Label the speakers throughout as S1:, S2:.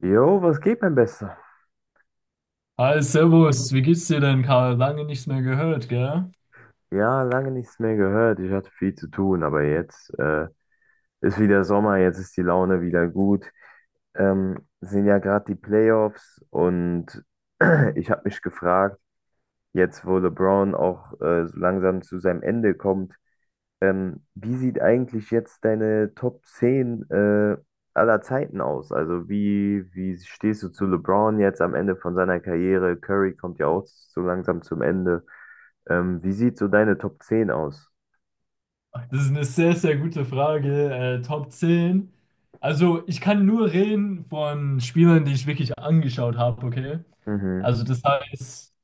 S1: Jo, was geht, mein Bester?
S2: Hi, Servus, wie geht's dir denn, Karl? Lange nichts mehr gehört, gell?
S1: Ja, lange nichts mehr gehört. Ich hatte viel zu tun, aber jetzt ist wieder Sommer, jetzt ist die Laune wieder gut. Sind ja gerade die Playoffs und ich habe mich gefragt, jetzt wo LeBron auch so langsam zu seinem Ende kommt, wie sieht eigentlich jetzt deine Top 10 aller Zeiten aus? Also wie stehst du zu LeBron jetzt am Ende von seiner Karriere? Curry kommt ja auch so langsam zum Ende. Wie sieht so deine Top 10 aus?
S2: Das ist eine sehr, sehr gute Frage. Top 10. Also, ich kann nur reden von Spielern, die ich wirklich angeschaut habe, okay?
S1: Mhm.
S2: Also, das heißt,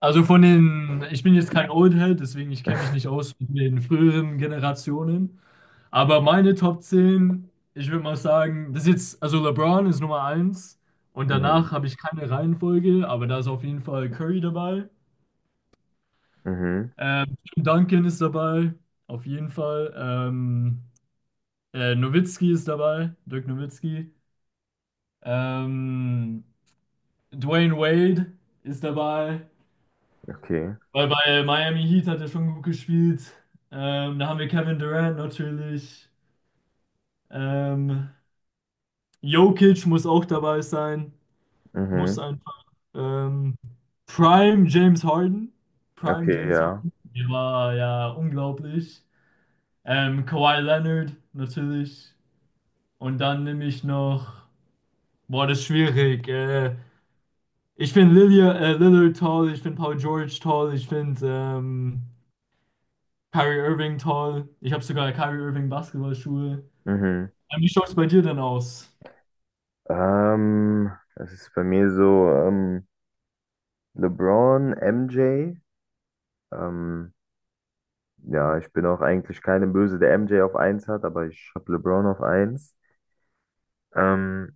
S2: ich bin jetzt kein Oldhead, deswegen ich kenne mich nicht aus mit den früheren Generationen. Aber meine Top 10, ich würde mal sagen, also LeBron ist Nummer eins und danach
S1: Mhm.
S2: habe ich keine Reihenfolge, aber da ist auf jeden Fall Curry dabei.
S1: Mhm.
S2: Tim Duncan ist dabei, auf jeden Fall. Nowitzki ist dabei, Dirk Nowitzki. Ähm, Dwayne Wade ist dabei,
S1: Okay.
S2: weil bei Miami Heat hat er schon gut gespielt. Da haben wir Kevin Durant natürlich. Ähm, Jokic muss auch dabei sein, muss
S1: Mhm.
S2: einfach. Ähm, Prime James Harden. Prime
S1: Okay,
S2: James
S1: ja.
S2: Harden. Der war ja unglaublich. Kawhi Leonard natürlich. Und dann nehme ich noch. Boah, das ist schwierig. Ich finde Lillard toll, ich finde Paul George toll, ich finde Kyrie Irving toll. Ich habe sogar Kyrie Irving Basketballschuhe.
S1: Mhm.
S2: Wie schaut es bei dir denn aus?
S1: Das ist bei mir so, LeBron, MJ. Ähm, ja, ich bin auch eigentlich keine Böse, der MJ auf eins hat, aber ich habe LeBron auf eins. Ähm,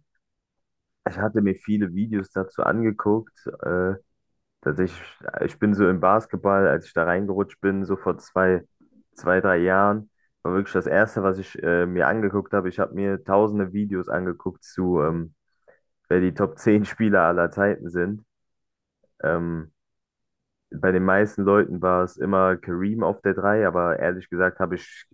S1: Ich hatte mir viele Videos dazu angeguckt. Tatsächlich, ich bin so im Basketball, als ich da reingerutscht bin, so vor zwei, zwei, drei Jahren, war wirklich das Erste, was ich mir angeguckt habe. Ich habe mir tausende Videos angeguckt zu, wer die Top 10 Spieler aller Zeiten sind. Ähm, Bei den meisten Leuten war es immer Kareem auf der drei, aber ehrlich gesagt habe ich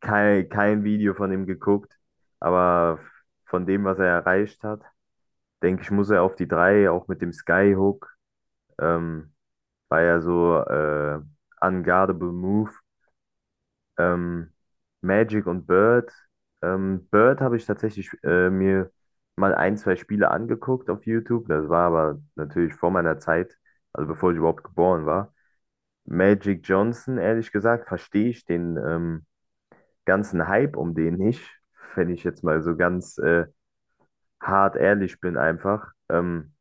S1: kein Video von ihm geguckt. Aber von dem, was er erreicht hat, denke ich, muss er auf die drei, auch mit dem Skyhook. Ähm, War ja so Unguardable Move. Ähm, Magic und Bird. Bird habe ich tatsächlich mir mal ein, zwei Spiele angeguckt auf YouTube. Das war aber natürlich vor meiner Zeit, also bevor ich überhaupt geboren war. Magic Johnson, ehrlich gesagt, verstehe ich den ganzen Hype um den nicht, wenn ich jetzt mal so ganz hart ehrlich bin einfach.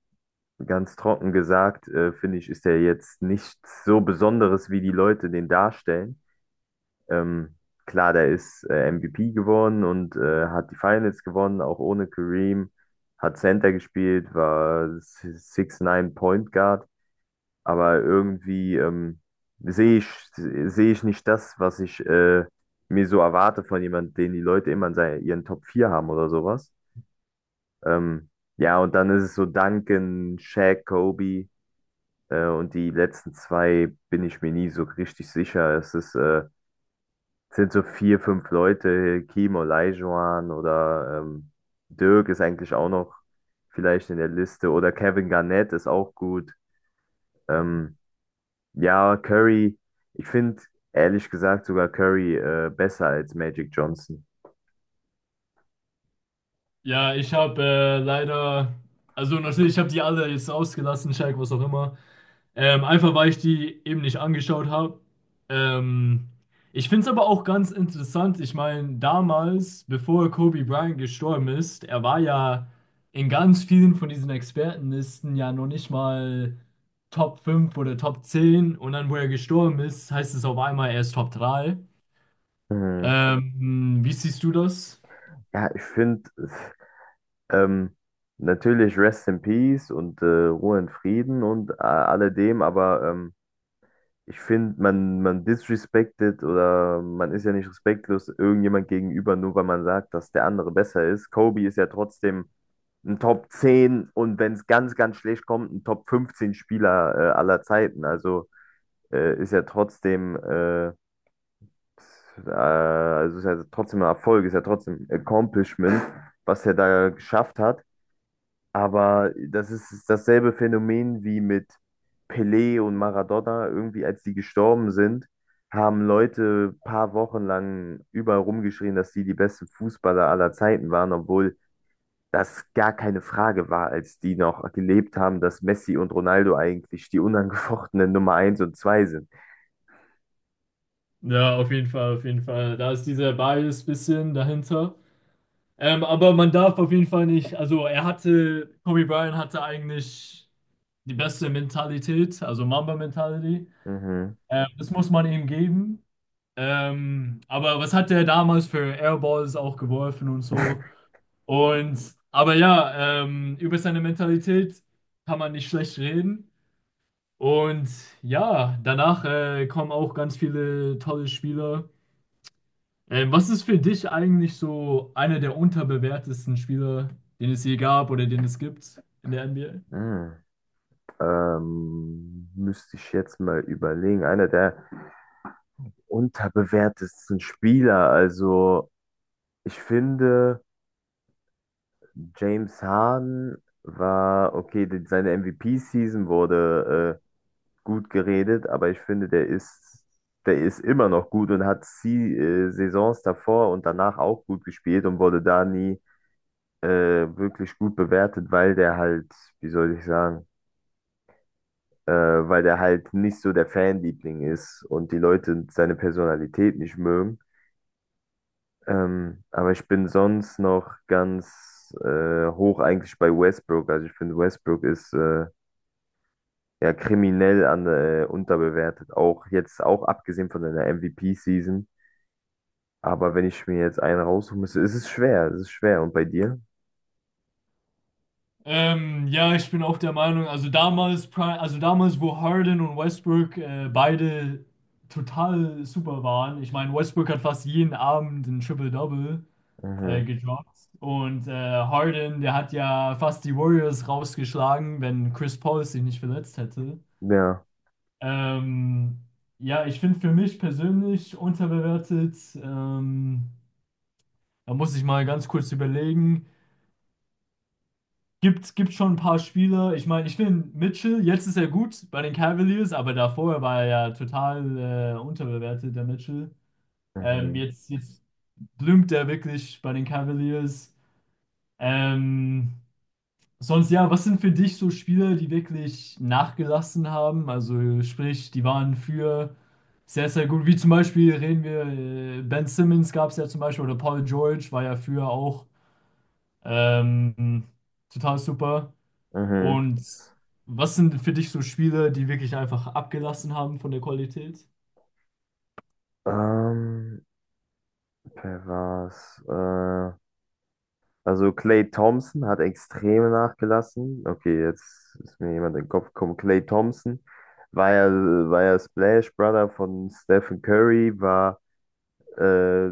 S1: Ganz trocken gesagt, finde ich, ist er jetzt nichts so Besonderes, wie die Leute den darstellen. Ähm, klar, der ist MVP geworden und hat die Finals gewonnen, auch ohne Kareem. Hat Center gespielt, war 6'9 Point Guard, aber irgendwie sehe ich, sehe ich nicht das, was ich mir so erwarte von jemandem, den die Leute immer in seinen, ihren Top 4 haben oder sowas. Ähm, ja, und dann ist es so Duncan, Shaq, Kobe und die letzten zwei bin ich mir nie so richtig sicher. Es ist sind so vier, fünf Leute, Kim Olajuwon oder Dirk ist eigentlich auch noch vielleicht in der Liste oder Kevin Garnett ist auch gut. Ähm, ja, Curry, ich finde ehrlich gesagt sogar Curry besser als Magic Johnson.
S2: Ja, ich habe leider. Also natürlich, ich habe die alle jetzt ausgelassen, Shaq, was auch immer. Einfach weil ich die eben nicht angeschaut habe. Ähm, Ich finde es aber auch ganz interessant. Ich meine, damals, bevor Kobe Bryant gestorben ist, er war ja in ganz vielen von diesen Expertenlisten ja noch nicht mal Top 5 oder Top 10. Und dann, wo er gestorben ist, heißt es auf einmal, er ist Top 3.
S1: Mhm.
S2: Wie siehst du das?
S1: Ja, ich finde ähm, natürlich Rest in Peace und Ruhe in Frieden und alledem, aber ich finde, man disrespected, oder man ist ja nicht respektlos irgendjemand gegenüber, nur weil man sagt, dass der andere besser ist. Kobe ist ja trotzdem ein Top 10 und wenn es ganz, ganz schlecht kommt, ein Top 15 Spieler aller Zeiten. Also ist ja trotzdem, also ist ja trotzdem ein Erfolg, ist ja trotzdem ein Accomplishment, was er da geschafft hat. Aber das ist dasselbe Phänomen wie mit Pelé und Maradona. Irgendwie, als die gestorben sind, haben Leute paar Wochen lang überall rumgeschrien, dass die die besten Fußballer aller Zeiten waren, obwohl das gar keine Frage war, als die noch gelebt haben, dass Messi und Ronaldo eigentlich die unangefochtenen Nummer eins und zwei sind.
S2: Ja, auf jeden Fall, auf jeden Fall. Da ist dieser Bias bisschen dahinter. Aber man darf auf jeden Fall nicht, also er hatte, Kobe Bryant hatte eigentlich die beste Mentalität, also Mamba-Mentality.
S1: Mhm.
S2: Das muss man ihm geben. Aber was hat er damals für Airballs auch geworfen und so? Und, aber ja, über seine Mentalität kann man nicht schlecht reden. Und ja, danach kommen auch ganz viele tolle Spieler. Was ist für dich eigentlich so einer der unterbewertesten Spieler, den es je gab oder den es gibt in der NBA?
S1: Hm, Müsste ich jetzt mal überlegen. Einer der unterbewertesten Spieler. Also, ich finde, James Harden war, okay, seine MVP-Season wurde gut geredet, aber ich finde, der ist immer noch gut und hat sie, Saisons davor und danach auch gut gespielt und wurde da nie äh, wirklich gut bewertet, weil der halt, wie soll ich sagen, weil der halt nicht so der Fanliebling ist und die Leute seine Personalität nicht mögen. Aber ich bin sonst noch ganz hoch eigentlich bei Westbrook. Also ich finde, Westbrook ist ja kriminell an, unterbewertet. Auch jetzt, auch abgesehen von seiner MVP-Season. Aber wenn ich mir jetzt einen raussuchen müsste, ist es schwer. Es ist schwer. Und bei dir?
S2: Ja, ich bin auch der Meinung, also damals, wo Harden und Westbrook beide total super waren. Ich meine, Westbrook hat fast jeden Abend ein Triple-Double
S1: Mhm.
S2: gedroppt. Und Harden, der hat ja fast die Warriors rausgeschlagen, wenn Chris Paul sich nicht verletzt hätte.
S1: Ja.
S2: Ähm, ja, ich finde für mich persönlich unterbewertet. Da muss ich mal ganz kurz überlegen. Gibt schon ein paar Spieler. Ich meine, ich finde Mitchell, jetzt ist er gut bei den Cavaliers, aber davor war er ja total unterbewertet, der Mitchell.
S1: Mhm.
S2: Jetzt blümt er wirklich bei den Cavaliers. Ähm, Sonst ja, was sind für dich so Spiele, die wirklich nachgelassen haben? Also sprich, die waren für sehr, sehr gut. Wie zum Beispiel reden wir, Ben Simmons gab es ja zum Beispiel oder Paul George war ja früher auch ähm, total super.
S1: Mhm.
S2: Und was sind für dich so Spiele, die wirklich einfach abgelassen haben von der Qualität?
S1: Ähm, Wer war's? Also Klay Thompson hat extrem nachgelassen. Okay, jetzt ist mir jemand in den Kopf gekommen. Klay Thompson war ja, war ja Splash Brother von Stephen Curry, war äh,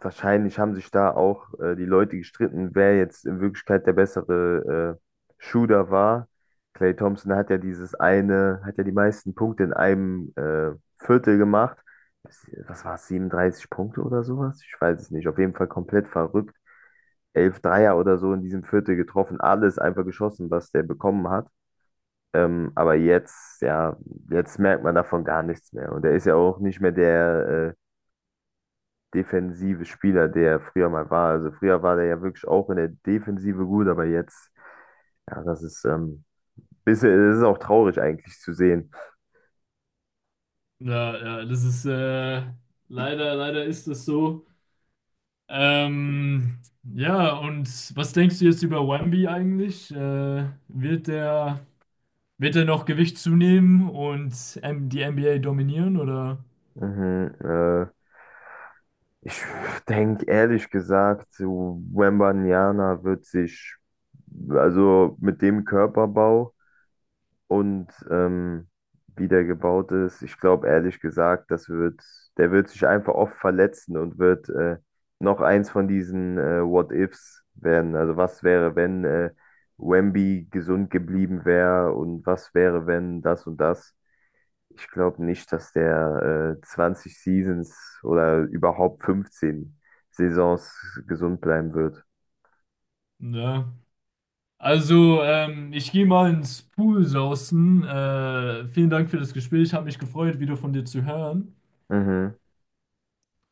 S1: wahrscheinlich haben sich da auch die Leute gestritten, wer jetzt in Wirklichkeit der bessere Shooter war. Klay Thompson hat ja dieses eine, hat ja die meisten Punkte in einem Viertel gemacht. Was war es, 37 Punkte oder sowas? Ich weiß es nicht. Auf jeden Fall komplett verrückt 11 Dreier oder so in diesem Viertel getroffen, alles einfach geschossen, was der bekommen hat. Aber jetzt, ja, jetzt merkt man davon gar nichts mehr. Und er ist ja auch nicht mehr der defensive Spieler, der er früher mal war. Also früher war der ja wirklich auch in der Defensive gut, aber jetzt, ja, das ist bisschen, das ist auch traurig eigentlich zu sehen.
S2: Ja, ja, das ist leider ist es so. Ähm, ja, und was denkst du jetzt über Wemby eigentlich? Wird er noch Gewicht zunehmen und die NBA dominieren oder?
S1: Mhm, äh, Ich denke ehrlich gesagt, Wembanyama wird sich, also mit dem Körperbau, und wie der gebaut ist. Ich glaube ehrlich gesagt, das wird, der wird sich einfach oft verletzen und wird noch eins von diesen What-Ifs werden. Also was wäre, wenn Wemby gesund geblieben wäre und was wäre, wenn das und das. Ich glaube nicht, dass der 20 Seasons oder überhaupt 15 Saisons gesund bleiben wird.
S2: Ja. Also, ich gehe mal ins Pool sausen. Vielen Dank für das Gespräch. Hat mich gefreut, wieder von dir zu hören.
S1: Mhm.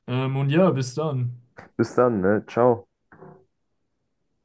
S2: Und ja, bis dann.
S1: Bis dann, ne? Ciao.